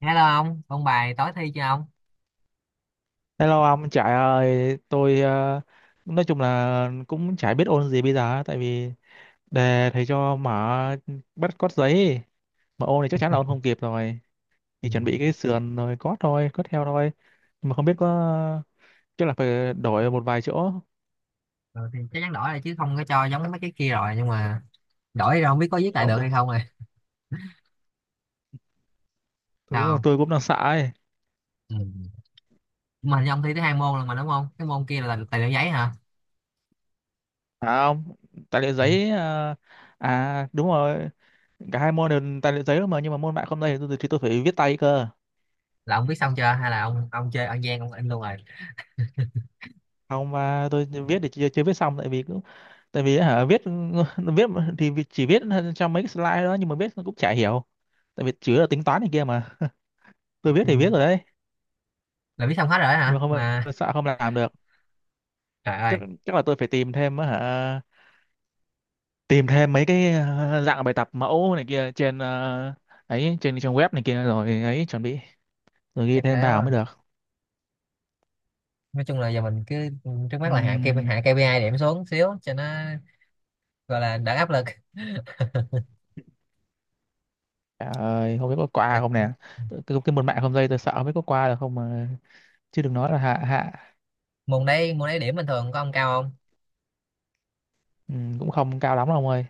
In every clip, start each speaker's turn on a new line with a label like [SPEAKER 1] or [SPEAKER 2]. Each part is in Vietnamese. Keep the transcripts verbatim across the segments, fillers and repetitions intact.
[SPEAKER 1] Hello ông ông bài tối thi chưa ông?
[SPEAKER 2] Hello ông Trải ơi, tôi ờ, nói chung là cũng chả biết ôn gì bây giờ á, tại vì đề thầy cho mở bắt cót giấy mà ôn thì chắc chắn là ôn không kịp rồi,
[SPEAKER 1] Ừ.
[SPEAKER 2] thì chuẩn bị cái sườn rồi cót thôi, cót theo thôi. Nhưng mà không biết có, chắc là phải đổi một vài chỗ.
[SPEAKER 1] Ừ, thì chắc chắn đổi rồi chứ không có cho giống mấy cái kia rồi, nhưng mà đổi rồi không biết có viết
[SPEAKER 2] Hy
[SPEAKER 1] lại
[SPEAKER 2] vọng
[SPEAKER 1] được
[SPEAKER 2] được,
[SPEAKER 1] hay không rồi.
[SPEAKER 2] đúng
[SPEAKER 1] Sao
[SPEAKER 2] là tôi
[SPEAKER 1] không?
[SPEAKER 2] cũng đang sợ ấy.
[SPEAKER 1] Ừ. Mà hình như ông thi tới hai môn rồi mà, đúng không? Cái môn kia là tài liệu giấy hả?
[SPEAKER 2] À không, tài liệu
[SPEAKER 1] Ừ.
[SPEAKER 2] giấy ờ, à đúng rồi, cả hai môn đều tài liệu giấy đó mà. Nhưng mà môn mạng không đây thì tôi thì tôi phải viết tay cơ.
[SPEAKER 1] Là ông viết xong chưa hay là ông ông chơi ăn gian ông in luôn rồi?
[SPEAKER 2] Không, mà tôi viết thì chưa, chưa viết xong, tại vì cũng tại vì hả viết, viết thì chỉ viết trong mấy cái slide đó, nhưng mà viết cũng chả hiểu tại vì chủ yếu là tính toán này kia mà. Tôi viết
[SPEAKER 1] Thì
[SPEAKER 2] thì viết rồi đấy,
[SPEAKER 1] là viết xong hết rồi đó
[SPEAKER 2] nhưng
[SPEAKER 1] hả?
[SPEAKER 2] mà không,
[SPEAKER 1] Mà
[SPEAKER 2] sợ không làm được.
[SPEAKER 1] trời ơi,
[SPEAKER 2] Chắc chắc là tôi phải tìm thêm á hả, tìm thêm mấy cái ờ, dạng bài tập mẫu này kia trên ờ, ấy, trên trang web này kia rồi ấy chuẩn bị, rồi ghi
[SPEAKER 1] chắc
[SPEAKER 2] thêm
[SPEAKER 1] thế
[SPEAKER 2] vào
[SPEAKER 1] quá.
[SPEAKER 2] mới được.
[SPEAKER 1] Nói chung là giờ mình cứ trước mắt là hạ ca pê i,
[SPEAKER 2] Ừm,
[SPEAKER 1] hạ ca pê i điểm xuống xíu cho nó gọi là đỡ áp lực.
[SPEAKER 2] trời ơi không biết có
[SPEAKER 1] Là
[SPEAKER 2] qua không nè. Cái, cái môn mạng không dây tôi sợ không biết có qua được không mà, chứ đừng nói là hạ hạ.
[SPEAKER 1] môn đấy, môn đấy điểm bình thường có ông cao không?
[SPEAKER 2] Ừ, cũng không cao lắm đâu ông ơi.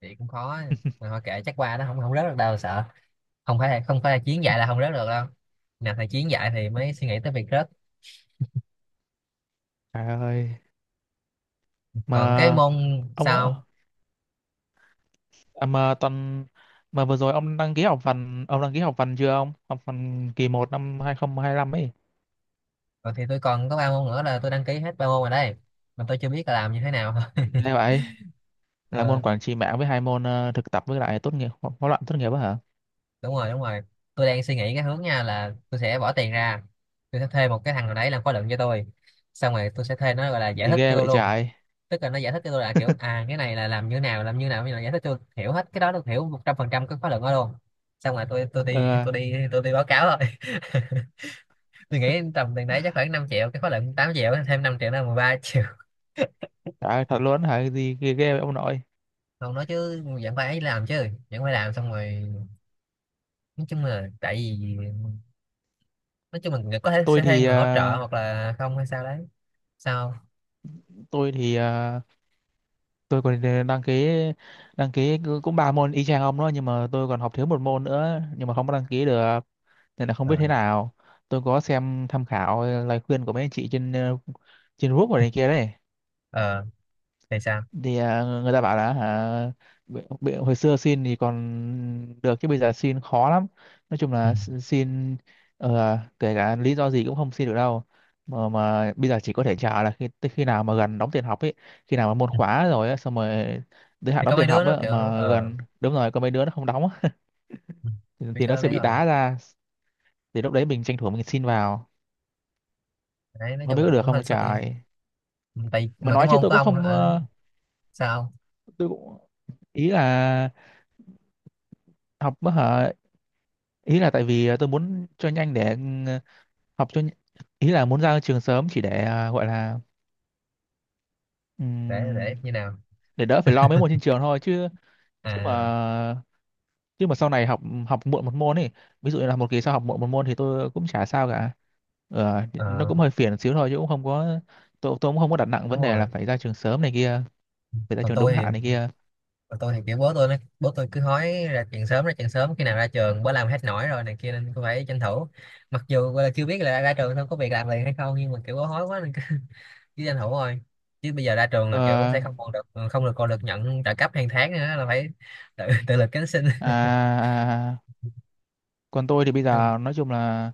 [SPEAKER 1] Thì cũng khó. Mà thôi kệ, chắc qua, nó không không rớt được đâu sợ, không phải không phải là Chiến dạy là không rớt được đâu. Nào thầy Chiến dạy thì mới suy nghĩ tới việc rớt.
[SPEAKER 2] Trời ơi.
[SPEAKER 1] Còn cái
[SPEAKER 2] Mà
[SPEAKER 1] môn
[SPEAKER 2] ông,
[SPEAKER 1] sau,
[SPEAKER 2] à, mà tuần mà vừa rồi ông đăng ký học phần ông đăng ký học phần chưa ông? Học phần kỳ một năm hai không hai lăm ấy.
[SPEAKER 1] còn thì tôi còn có ba môn nữa là tôi đăng ký hết ba môn rồi đây, mà tôi chưa biết là làm như thế nào.
[SPEAKER 2] Nghe vậy là
[SPEAKER 1] Ờ,
[SPEAKER 2] môn quản trị mạng với hai môn ờ, thực tập với lại tốt nghiệp, ho- hóa luận tốt nghiệp á hả?
[SPEAKER 1] đúng rồi đúng rồi. Tôi đang suy nghĩ cái hướng nha, là tôi sẽ bỏ tiền ra, tôi sẽ thuê một cái thằng nào đấy làm khóa luận cho tôi, xong rồi tôi sẽ thuê nó gọi là giải
[SPEAKER 2] Gì
[SPEAKER 1] thích
[SPEAKER 2] ghê
[SPEAKER 1] cho tôi
[SPEAKER 2] vậy
[SPEAKER 1] luôn.
[SPEAKER 2] trời.
[SPEAKER 1] Tức là nó giải thích cho tôi là kiểu à cái này là làm như nào, làm như nào, như là giải thích cho tôi hiểu hết cái đó, tôi hiểu một trăm phần trăm cái khóa luận đó luôn. Xong rồi tôi tôi đi
[SPEAKER 2] Ờ,
[SPEAKER 1] tôi đi tôi đi báo cáo rồi. Tôi nghĩ tầm tiền đấy chắc khoảng năm triệu, cái khóa luận tám triệu thêm năm triệu là mười ba triệu.
[SPEAKER 2] trời ơi, thật luôn hả? Gì ghê, ghê vậy ông nội.
[SPEAKER 1] Không nói chứ vẫn phải làm, chứ vẫn phải làm. Xong rồi nói chung là tại vì, nói chung mình có thể
[SPEAKER 2] Tôi
[SPEAKER 1] sẽ thuê
[SPEAKER 2] thì
[SPEAKER 1] người hỗ trợ
[SPEAKER 2] ờ,
[SPEAKER 1] hoặc là không hay sao đấy. Sao?
[SPEAKER 2] tôi thì ờ, tôi còn ờ, đăng ký đăng ký cũng ba môn y chang ông đó, nhưng mà tôi còn học thiếu một môn nữa nhưng mà không có đăng ký được. Nên là không biết
[SPEAKER 1] ờ
[SPEAKER 2] thế nào. Tôi có xem tham khảo lời khuyên của mấy anh chị trên ờ, trên group ở này kia đấy.
[SPEAKER 1] ờ, thì sao?
[SPEAKER 2] Thì ờ, người ta bảo là hả, bị, bị, hồi xưa xin thì còn được, chứ bây giờ xin khó lắm. Nói chung
[SPEAKER 1] Ừ.
[SPEAKER 2] là, x- xin ờ, kể cả lý do gì cũng không xin được đâu. Mà mà bây giờ chỉ có thể chờ là khi tới khi nào mà gần đóng tiền học ấy, khi nào mà môn
[SPEAKER 1] Ừ.
[SPEAKER 2] khóa rồi á, xong rồi tới hạn
[SPEAKER 1] Thì có
[SPEAKER 2] đóng
[SPEAKER 1] mấy
[SPEAKER 2] tiền
[SPEAKER 1] đứa
[SPEAKER 2] học
[SPEAKER 1] nó
[SPEAKER 2] á
[SPEAKER 1] kiểu
[SPEAKER 2] mà
[SPEAKER 1] ờ,
[SPEAKER 2] gần đúng rồi có mấy đứa nó không đóng á,
[SPEAKER 1] ừ,
[SPEAKER 2] thì,
[SPEAKER 1] biết
[SPEAKER 2] thì
[SPEAKER 1] cái
[SPEAKER 2] nó
[SPEAKER 1] đó
[SPEAKER 2] sẽ
[SPEAKER 1] biết
[SPEAKER 2] bị
[SPEAKER 1] rồi.
[SPEAKER 2] đá ra, thì lúc đấy mình tranh thủ mình xin vào.
[SPEAKER 1] Đấy nói
[SPEAKER 2] Không
[SPEAKER 1] chung
[SPEAKER 2] biết
[SPEAKER 1] là
[SPEAKER 2] có được
[SPEAKER 1] cũng
[SPEAKER 2] không
[SPEAKER 1] hơi xui.
[SPEAKER 2] trời.
[SPEAKER 1] Tại
[SPEAKER 2] Mà
[SPEAKER 1] mà cái
[SPEAKER 2] nói chứ
[SPEAKER 1] môn
[SPEAKER 2] tôi
[SPEAKER 1] của
[SPEAKER 2] cũng
[SPEAKER 1] ông
[SPEAKER 2] không
[SPEAKER 1] hả?
[SPEAKER 2] ờ,
[SPEAKER 1] Sao?
[SPEAKER 2] tôi cũng, ý là học á hả, ý là tại vì ờ, tôi muốn cho nhanh để ừ, học cho nh- ý là muốn ra trường sớm, chỉ để ờ, gọi là
[SPEAKER 1] để để
[SPEAKER 2] ừm,
[SPEAKER 1] như nào?
[SPEAKER 2] để đỡ phải lo mấy môn trên trường thôi chứ. chứ mà
[SPEAKER 1] À,
[SPEAKER 2] chứ mà sau này học, học muộn một môn ấy, ví dụ như là một kỳ sau học muộn một môn thì tôi cũng chả sao cả. Ờ, nó
[SPEAKER 1] ờ,
[SPEAKER 2] cũng hơi phiền xíu thôi chứ cũng không có, tôi tôi cũng không có đặt nặng
[SPEAKER 1] đúng
[SPEAKER 2] vấn đề là
[SPEAKER 1] rồi.
[SPEAKER 2] phải ra trường sớm này kia, phải ra
[SPEAKER 1] Còn
[SPEAKER 2] trường đúng
[SPEAKER 1] tôi
[SPEAKER 2] hạn này
[SPEAKER 1] thì,
[SPEAKER 2] kia.
[SPEAKER 1] còn tôi thì kiểu bố tôi nó, bố tôi cứ hói ra chuyện sớm ra chuyện sớm, khi nào ra trường, bố làm hết nổi rồi này kia, nên tôi phải tranh thủ. Mặc dù gọi là chưa biết là ra trường xong có việc làm liền hay không, nhưng mà kiểu bố hói quá nên cứ cứ tranh thủ thôi. Chứ bây giờ ra trường là kiểu
[SPEAKER 2] Ờ,
[SPEAKER 1] sẽ không còn được ừ, không được còn được nhận trợ cấp hàng tháng nữa, là phải tự tự lực cánh sinh.
[SPEAKER 2] à, à, à, à. Còn tôi thì bây
[SPEAKER 1] Nên là,
[SPEAKER 2] giờ nói chung là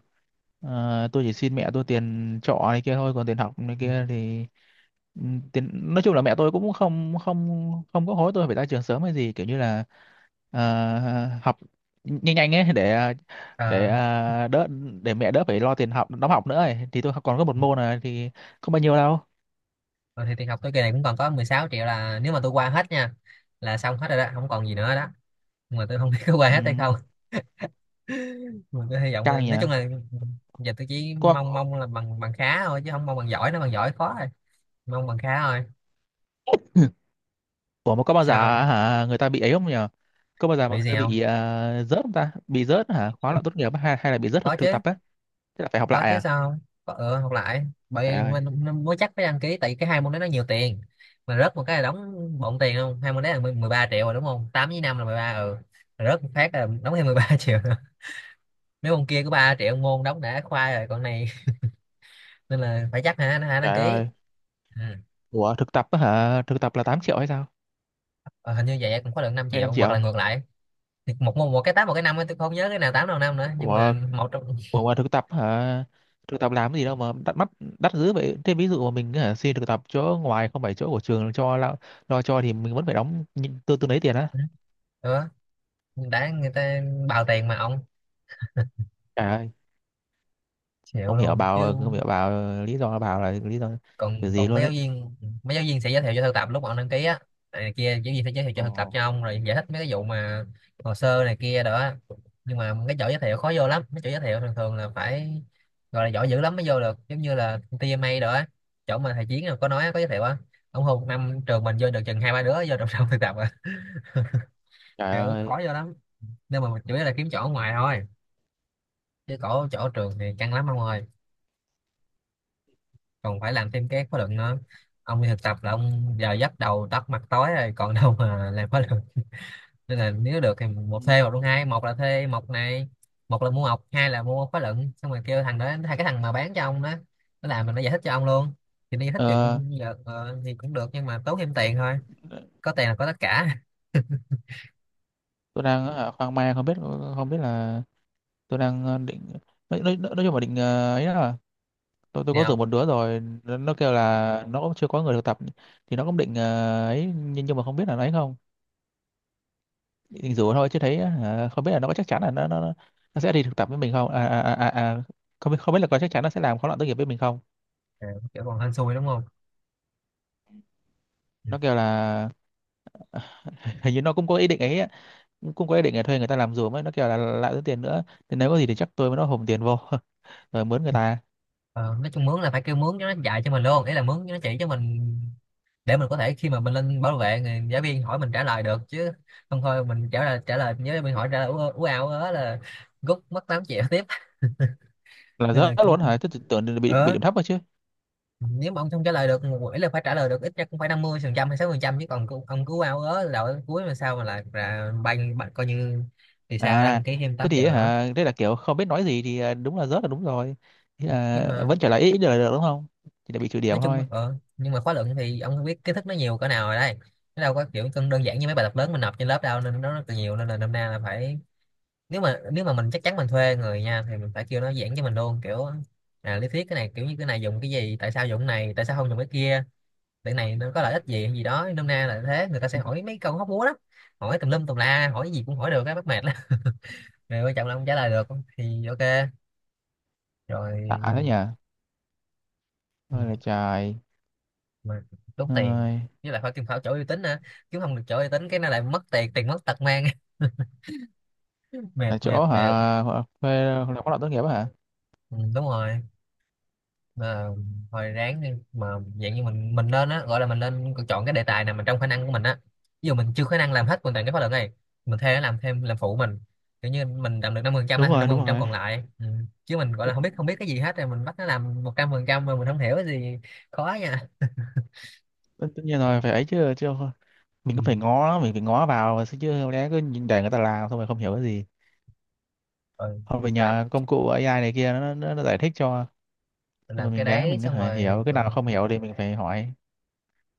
[SPEAKER 2] ờ, tôi chỉ xin mẹ tôi tiền trọ này kia thôi, còn tiền học này kia thì ừ, tiền nói chung là mẹ tôi cũng không không không có hối tôi phải ra trường sớm hay gì, kiểu như là ờ, học nhanh nhanh ấy để để
[SPEAKER 1] ờ,
[SPEAKER 2] ờ, đỡ để mẹ đỡ phải lo tiền học, đóng học nữa ấy. Thì tôi còn có một môn này thì không bao nhiêu đâu.
[SPEAKER 1] rồi thì tiền học tôi kỳ này cũng còn có mười sáu triệu, là nếu mà tôi qua hết nha là xong hết rồi đó, không còn gì nữa đó. Nhưng mà tôi không biết có qua
[SPEAKER 2] Ừ,
[SPEAKER 1] hết hay không. Mình cứ hy vọng là,
[SPEAKER 2] căng nhỉ.
[SPEAKER 1] nói chung là giờ tôi chỉ
[SPEAKER 2] Có,
[SPEAKER 1] mong mong là bằng bằng khá thôi, chứ không mong bằng giỏi, nó bằng giỏi khó rồi. Mong bằng khá thôi.
[SPEAKER 2] ủa mà có bao giờ
[SPEAKER 1] Sao không?
[SPEAKER 2] hả, người ta bị ấy không nhỉ? Có bao giờ mà
[SPEAKER 1] Bị
[SPEAKER 2] người
[SPEAKER 1] gì
[SPEAKER 2] ta
[SPEAKER 1] không?
[SPEAKER 2] bị à, rớt không ta? Bị rớt hả? Khóa luận tốt nghiệp á, hay hay là bị rớt
[SPEAKER 1] Có
[SPEAKER 2] thực thực
[SPEAKER 1] chứ.
[SPEAKER 2] tập á? Thế là phải học
[SPEAKER 1] Có
[SPEAKER 2] lại
[SPEAKER 1] chứ,
[SPEAKER 2] à?
[SPEAKER 1] sao không? Có ừ, học lại.
[SPEAKER 2] Trời
[SPEAKER 1] Bởi
[SPEAKER 2] ơi,
[SPEAKER 1] mình, mình mới chắc phải đăng ký, tại vì cái hai môn đó nó nhiều tiền, mà rớt một cái là đóng bộn tiền luôn. Hai môn đấy là mười 13 triệu rồi, đúng không? Tám với năm là mười ba, ừ. Rồi rớt một phát là đóng thêm mười ba triệu nữa. Nếu môn kia có ba triệu môn đóng đã khoai rồi, còn này. Nên là phải chắc hả hả đăng
[SPEAKER 2] trời
[SPEAKER 1] ký.
[SPEAKER 2] ơi.
[SPEAKER 1] Ừ.
[SPEAKER 2] Ủa thực tập á hả? Thực tập là tám triệu hay sao?
[SPEAKER 1] Ờ, hình như vậy, cũng có được năm
[SPEAKER 2] Hay
[SPEAKER 1] triệu
[SPEAKER 2] năm
[SPEAKER 1] hoặc là
[SPEAKER 2] triệu?
[SPEAKER 1] ngược lại. Thì một một một cái tám một cái năm ấy, tôi không nhớ cái nào tám nào năm nữa, nhưng mà
[SPEAKER 2] Ủa,
[SPEAKER 1] một trong
[SPEAKER 2] ủa mà thực tập hả? Thực tập làm cái gì đâu mà đắt mắt đắt dữ vậy. Thế ví dụ mà mình hả, xin thực tập chỗ ngoài không phải chỗ của trường cho lo, lo cho thì mình vẫn phải đóng nhi- tương tương đấy tiền á.
[SPEAKER 1] nữa. Đã người ta bào tiền mà ông,
[SPEAKER 2] Trời ơi,
[SPEAKER 1] chịu
[SPEAKER 2] không hiểu
[SPEAKER 1] luôn chứ.
[SPEAKER 2] bảo không hiểu bảo lý do, bảo là lý do kiểu
[SPEAKER 1] Còn,
[SPEAKER 2] gì
[SPEAKER 1] còn
[SPEAKER 2] luôn
[SPEAKER 1] mấy giáo
[SPEAKER 2] ấy.
[SPEAKER 1] viên, mấy giáo viên sẽ giới thiệu cho thực tập lúc mà ông đăng ký á, này kia giáo viên sẽ giới thiệu cho
[SPEAKER 2] Ồ,
[SPEAKER 1] thực tập cho ông rồi giải thích mấy cái vụ mà hồ sơ này kia đó. Nhưng mà cái chỗ giới thiệu khó vô lắm, mấy chỗ giới thiệu thường thường là phải gọi là giỏi dữ lắm mới vô được, giống như là tê em a đó á, chỗ mà thầy Chiến có nói có giới thiệu á. Ông Hùng năm trường mình vô được chừng hai ba đứa vô trong trong thực tập à.
[SPEAKER 2] trời
[SPEAKER 1] Kiểu
[SPEAKER 2] ơi.
[SPEAKER 1] khó vô lắm. Nếu mà mình chủ yếu là kiếm chỗ ở ngoài thôi, chứ chỗ chỗ ở trường thì căng lắm ông ơi. Còn phải làm thêm cái khóa luận nữa. Ông đi thực tập là ông giờ giấc đầu tắt mặt tối rồi, còn đâu mà làm khóa luận. Nên là nếu được thì một thuê một luôn, hai một là thuê một này, một là mua học, hai là mua khóa luận, xong rồi kêu thằng đó, hai cái thằng mà bán cho ông đó, nó làm, mình nó giải thích cho ông luôn. Thì nó giải thích
[SPEAKER 2] Ờ,
[SPEAKER 1] chừng giờ ờ, thì cũng được nhưng mà tốn thêm tiền thôi. Có tiền là có tất cả.
[SPEAKER 2] tôi đang ở khoang mang, không biết không biết là tôi đang ờ, định nói, nói, nói chung là định ờ, ấy đó. Tôi tôi có rủ
[SPEAKER 1] Nào
[SPEAKER 2] một đứa rồi, nó, nó kêu là nó cũng chưa có người thực tập, thì nó cũng định ờ, ấy, nhưng nhưng mà không biết là nó ấy không, định rủ thôi chứ thấy ờ, không biết là nó có chắc chắn là nó nó, nó nó sẽ đi thực tập với mình không. à, à, à, à, à, không biết không biết là có chắc chắn nó sẽ làm khóa luận tốt nghiệp với mình không.
[SPEAKER 1] kiểu còn hên xui đúng không? Ừ.
[SPEAKER 2] Nó kêu là hình như nó cũng có ý định ấy á, cũng cũng có ý định là thuê người ta làm giùm ấy. Nó kêu là lại tốn tiền nữa, thì nếu có gì thì chắc tôi với nó hùm tiền vô rồi mướn người ta.
[SPEAKER 1] Ờ, nói chung mướn là phải kêu mướn cho nó dạy cho mình luôn, ý là mướn cho nó chỉ cho mình, để mình có thể khi mà mình lên bảo vệ, người giáo viên hỏi mình trả lời được, chứ không thôi mình trả lời trả lời nhớ mình hỏi trả lời ú ú ảo đó là rút mất tám triệu tiếp.
[SPEAKER 2] Là
[SPEAKER 1] Nên là
[SPEAKER 2] rớt luôn hả?
[SPEAKER 1] cũng
[SPEAKER 2] Tôi tưởng là bị bị
[SPEAKER 1] ờ,
[SPEAKER 2] điểm thấp rồi chứ.
[SPEAKER 1] nếu mà ông không trả lời được một buổi, là phải trả lời được ít nhất cũng phải năm mươi phần trăm hay sáu mươi phần trăm, chứ còn cứ ông cứ ú ảo đó đầu đến cuối, mà sao mà là, là banh bạn coi như, thì sao, đăng
[SPEAKER 2] À
[SPEAKER 1] ký thêm
[SPEAKER 2] thế
[SPEAKER 1] tám
[SPEAKER 2] thì
[SPEAKER 1] triệu nữa.
[SPEAKER 2] hả, thế là kiểu không biết nói gì thì, à, đúng là rớt là đúng rồi. Thế
[SPEAKER 1] Nhưng
[SPEAKER 2] là
[SPEAKER 1] mà
[SPEAKER 2] vẫn trở lại, ít ít được là được đúng không? Thì là bị trừ điểm
[SPEAKER 1] nói chung
[SPEAKER 2] thôi.
[SPEAKER 1] ờ, nhưng mà khóa luận thì ông không biết kiến thức nó nhiều cỡ nào rồi đây, nó đâu có kiểu cân đơn giản như mấy bài tập lớn mình nộp trên lớp đâu, nên nó rất là nhiều. Nên là năm nay là phải, nếu mà nếu mà mình chắc chắn mình thuê người nha, thì mình phải kêu nó giảng cho mình luôn, kiểu à lý thuyết cái này, kiểu như cái này dùng cái gì, tại sao dùng cái này, tại sao không dùng cái kia, cái này nó có lợi ích gì hay gì đó, nôm na là thế. Người ta sẽ hỏi mấy câu hóc búa lắm, hỏi tùm lum tùm la, hỏi gì cũng hỏi được, cái bắt mệt lắm. Rồi quan trọng là không trả lời được thì ok,
[SPEAKER 2] Tạ thế
[SPEAKER 1] rồi.
[SPEAKER 2] nhỉ,
[SPEAKER 1] Ừ,
[SPEAKER 2] ôi là trời
[SPEAKER 1] mà tốn tiền,
[SPEAKER 2] ơi.
[SPEAKER 1] với lại phải kiếm phải chỗ uy tín nữa, chứ không được chỗ uy tín cái nó lại mất tiền, tiền mất tật mang. Mệt
[SPEAKER 2] Là
[SPEAKER 1] mệt
[SPEAKER 2] chỗ hả,
[SPEAKER 1] mệt.
[SPEAKER 2] hả- thuê là khóa luận tốt nghiệp á hả?
[SPEAKER 1] Ừ, đúng rồi. Mà hồi ráng đi mà, dạng như mình mình nên á, gọi là mình nên chọn cái đề tài nào mà trong khả năng của mình á. Ví dụ mình chưa khả năng làm hết hoàn toàn cái khóa luận này, mình thuê nó làm thêm làm phụ mình, kiểu như mình làm được năm, năm mươi phần trăm,
[SPEAKER 2] Đúng
[SPEAKER 1] làm năm
[SPEAKER 2] rồi,
[SPEAKER 1] mươi phần
[SPEAKER 2] đúng
[SPEAKER 1] trăm
[SPEAKER 2] rồi.
[SPEAKER 1] còn lại. Ừ. Chứ mình gọi là không biết không biết cái gì hết, rồi mình bắt nó làm một trăm phần trăm mà mình không hiểu cái gì, khó nha.
[SPEAKER 2] Tất tất nhiên rồi phải ấy chứ, chứ không- mình
[SPEAKER 1] Ừ.
[SPEAKER 2] cũng phải ngó mình phải ngó vào mà, chứ không lẽ cứ nhìn để người ta làm xong rồi không hiểu cái gì.
[SPEAKER 1] Rồi
[SPEAKER 2] Hoặc phải
[SPEAKER 1] làm,
[SPEAKER 2] nhờ công cụ a i này kia, nó, nó, nó giải thích cho.
[SPEAKER 1] mình
[SPEAKER 2] Xong rồi
[SPEAKER 1] làm cái
[SPEAKER 2] mình gán
[SPEAKER 1] đấy
[SPEAKER 2] mình có
[SPEAKER 1] xong
[SPEAKER 2] thể hiểu,
[SPEAKER 1] rồi
[SPEAKER 2] cái nào
[SPEAKER 1] ờ,
[SPEAKER 2] không hiểu thì mình phải hỏi.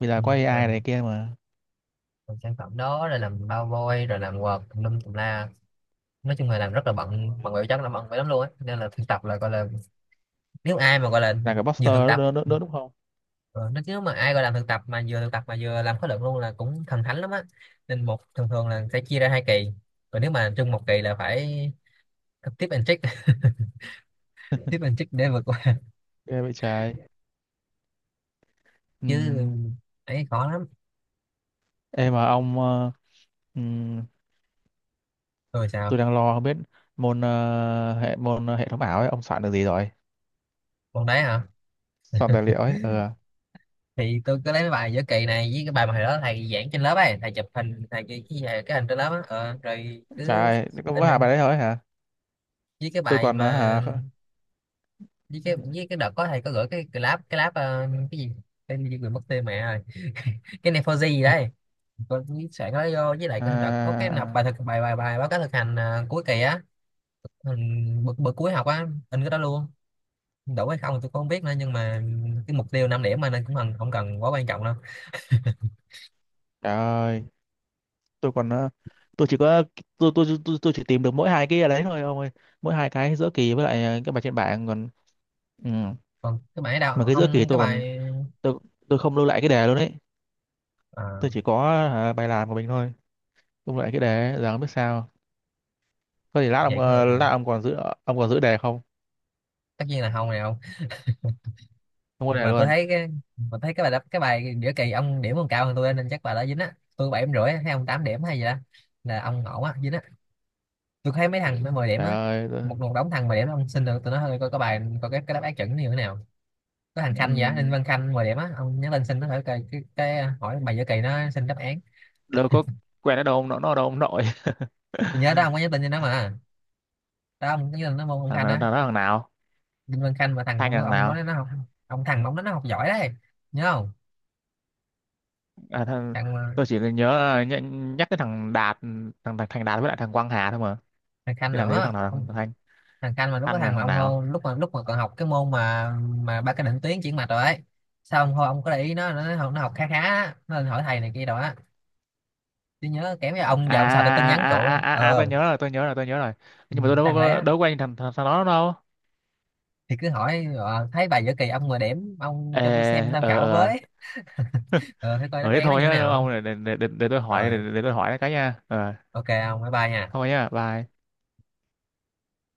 [SPEAKER 2] Vì là
[SPEAKER 1] ừ.
[SPEAKER 2] có a i này
[SPEAKER 1] làm,
[SPEAKER 2] kia mà.
[SPEAKER 1] làm sản phẩm đó, rồi làm bao vôi, rồi làm quạt tùm lum tùm la. Nói chung là làm rất là bận, bận bịu, chắc là bận vậy lắm luôn á. Nên là thực tập là gọi là, nếu ai mà gọi là
[SPEAKER 2] Là cái
[SPEAKER 1] vừa
[SPEAKER 2] poster
[SPEAKER 1] thực
[SPEAKER 2] đó,
[SPEAKER 1] tập,
[SPEAKER 2] đó, đó, đó đúng không?
[SPEAKER 1] ờ, nó, nếu mà ai gọi là thực tập mà vừa thực tập mà vừa làm khóa luận luôn là cũng thần thánh lắm á. Nên một thường thường là sẽ chia ra hai kỳ, còn nếu mà chung một kỳ là phải tập tiếp and trick. Tiếp and trick để vượt qua.
[SPEAKER 2] Ghê vậy trời.
[SPEAKER 1] Chứ
[SPEAKER 2] Ừm.
[SPEAKER 1] ấy khó lắm.
[SPEAKER 2] Ê mà ông ờ, ừm,
[SPEAKER 1] Rồi sao?
[SPEAKER 2] tôi đang lo không biết, môn ờ, hệ môn hệ thống ảo ấy, ông soạn được gì rồi?
[SPEAKER 1] Còn đấy hả?
[SPEAKER 2] Soạn tài liệu ấy. Ừ.
[SPEAKER 1] Thì tôi cứ lấy cái bài giữa kỳ này với cái bài mà hồi đó thầy giảng trên lớp ấy, thầy chụp hình thầy cái cái, cái hình trên lớp á, ờ, rồi
[SPEAKER 2] Trời
[SPEAKER 1] cứ
[SPEAKER 2] ơi, có
[SPEAKER 1] in
[SPEAKER 2] mỗi hai
[SPEAKER 1] in.
[SPEAKER 2] bài đấy thôi hả?
[SPEAKER 1] Với cái
[SPEAKER 2] Tôi
[SPEAKER 1] bài
[SPEAKER 2] còn ờ,
[SPEAKER 1] mà,
[SPEAKER 2] hả
[SPEAKER 1] với cái, với cái đợt có thầy có gửi cái cái lab cái lab ờ, cái gì, cái gì quên mất tên mẹ rồi, cái này for gì đấy, con sẽ nó vô. Với lại đợt có cái nộp
[SPEAKER 2] à,
[SPEAKER 1] bài thực bài bài bài báo cáo thực hành à, cuối kỳ á, ừ, bữa, bữa cuối học á, in cái đó luôn. Đủ hay không tôi cũng không biết nữa, nhưng mà cái mục tiêu năm điểm mà, nên cũng cần không cần quá quan trọng đâu.
[SPEAKER 2] trời ơi, tôi còn ờ, tôi chỉ có tôi tôi tôi, tôi chỉ tìm được mỗi hai cái đấy thôi ông ơi. Mỗi hai cái giữa kỳ với lại ờ, cái bài trên bảng còn. Ừ.
[SPEAKER 1] Còn cái bài đâu
[SPEAKER 2] Mà cái giữa kỳ
[SPEAKER 1] ông, cái
[SPEAKER 2] tôi còn,
[SPEAKER 1] bài?
[SPEAKER 2] tôi tôi không lưu lại cái đề luôn đấy.
[SPEAKER 1] À,
[SPEAKER 2] Tôi chỉ có à, bài làm của mình thôi, cũng lại cái đề giờ không biết sao. Có thể lát ông
[SPEAKER 1] vậy cũng được
[SPEAKER 2] ờ,
[SPEAKER 1] rồi.
[SPEAKER 2] lát ông còn giữ ông còn giữ đề không?
[SPEAKER 1] Tất nhiên là không, này không.
[SPEAKER 2] Không có đề
[SPEAKER 1] Mà tôi
[SPEAKER 2] luôn.
[SPEAKER 1] thấy cái, mà thấy cái bài đáp cái bài giữa kỳ ông điểm còn cao hơn tôi, nên chắc bài đó dính á. Tôi bảy điểm rưỡi á, hay ông tám điểm hay gì đó, là ông ổn á, dính á. Tôi thấy mấy thằng nó mười điểm
[SPEAKER 2] Trời
[SPEAKER 1] á,
[SPEAKER 2] ơi tôi-
[SPEAKER 1] một một đống thằng mười điểm. Ông xin được tụi nó hơi, coi có bài, coi cái cái đáp án chuẩn như thế nào. Có thằng Khanh vậy, Ninh
[SPEAKER 2] ừm,
[SPEAKER 1] Văn Khanh mười điểm á, ông nhắn tin xin nó hỏi cái, cái, cái à, hỏi bài giữa kỳ nó, xin đáp án.
[SPEAKER 2] đâu có, quen ở đâu ông, nó nó ở đâu ông nội?
[SPEAKER 1] Tôi nhớ đó, ông có nhắn tin cho nó mà. Đó ông có nhắn tin nó môn, ông
[SPEAKER 2] Thằng
[SPEAKER 1] Khanh
[SPEAKER 2] nào, thằng,
[SPEAKER 1] á,
[SPEAKER 2] đó thằng nào?
[SPEAKER 1] Ninh Văn Khanh mà, thằng
[SPEAKER 2] Thanh
[SPEAKER 1] ông
[SPEAKER 2] là thằng
[SPEAKER 1] ông
[SPEAKER 2] nào?
[SPEAKER 1] nói nó học, ông thằng mà ông nói nó học giỏi đấy, nhớ không?
[SPEAKER 2] À, thằng,
[SPEAKER 1] thằng
[SPEAKER 2] tôi chỉ nhớ ờ, nh, nhắc cái thằng Đạt, thằng, thằng Thành Đạt với lại thằng Quang Hà thôi mà,
[SPEAKER 1] thằng Khanh
[SPEAKER 2] chứ làm gì có
[SPEAKER 1] nữa
[SPEAKER 2] thằng nào thằng
[SPEAKER 1] ông,
[SPEAKER 2] Thanh?
[SPEAKER 1] thằng Khanh mà lúc có
[SPEAKER 2] Thanh là
[SPEAKER 1] thằng mà
[SPEAKER 2] thằng
[SPEAKER 1] ông hô,
[SPEAKER 2] nào?
[SPEAKER 1] lúc mà lúc mà còn học cái môn mà mà ba cái định tuyến chuyển mạch rồi ấy. Sao ông hô, ông có để ý nó, nó, nó học khá khá á, nó lên hỏi thầy này kia rồi á. Tôi nhớ kém với
[SPEAKER 2] à
[SPEAKER 1] ông và ông, sao tôi tin
[SPEAKER 2] à
[SPEAKER 1] nhắn
[SPEAKER 2] à
[SPEAKER 1] cậu
[SPEAKER 2] à
[SPEAKER 1] ấy.
[SPEAKER 2] à, à à, à, tôi
[SPEAKER 1] Ờ,
[SPEAKER 2] nhớ rồi, tôi nhớ rồi, tôi nhớ rồi.
[SPEAKER 1] ừ,
[SPEAKER 2] Nhưng mà tôi đâu
[SPEAKER 1] thằng
[SPEAKER 2] có
[SPEAKER 1] lé.
[SPEAKER 2] đâu có quen thằng thằng, thằng đó đâu.
[SPEAKER 1] Thì cứ hỏi ờ, thấy bài giữa kỳ ông mà điểm, ông cho tôi xem
[SPEAKER 2] Ê,
[SPEAKER 1] tham
[SPEAKER 2] ờ
[SPEAKER 1] khảo
[SPEAKER 2] ờ
[SPEAKER 1] với. Ờ thế coi
[SPEAKER 2] Ờ
[SPEAKER 1] đáp
[SPEAKER 2] thế
[SPEAKER 1] án nó
[SPEAKER 2] thôi
[SPEAKER 1] như thế
[SPEAKER 2] nhá.
[SPEAKER 1] nào.
[SPEAKER 2] Ông để, để, để, để tôi hỏi, để,
[SPEAKER 1] Rồi
[SPEAKER 2] để tôi hỏi cái nha. Ờ
[SPEAKER 1] ok ông, bye bye nha.
[SPEAKER 2] thôi nhá, bye.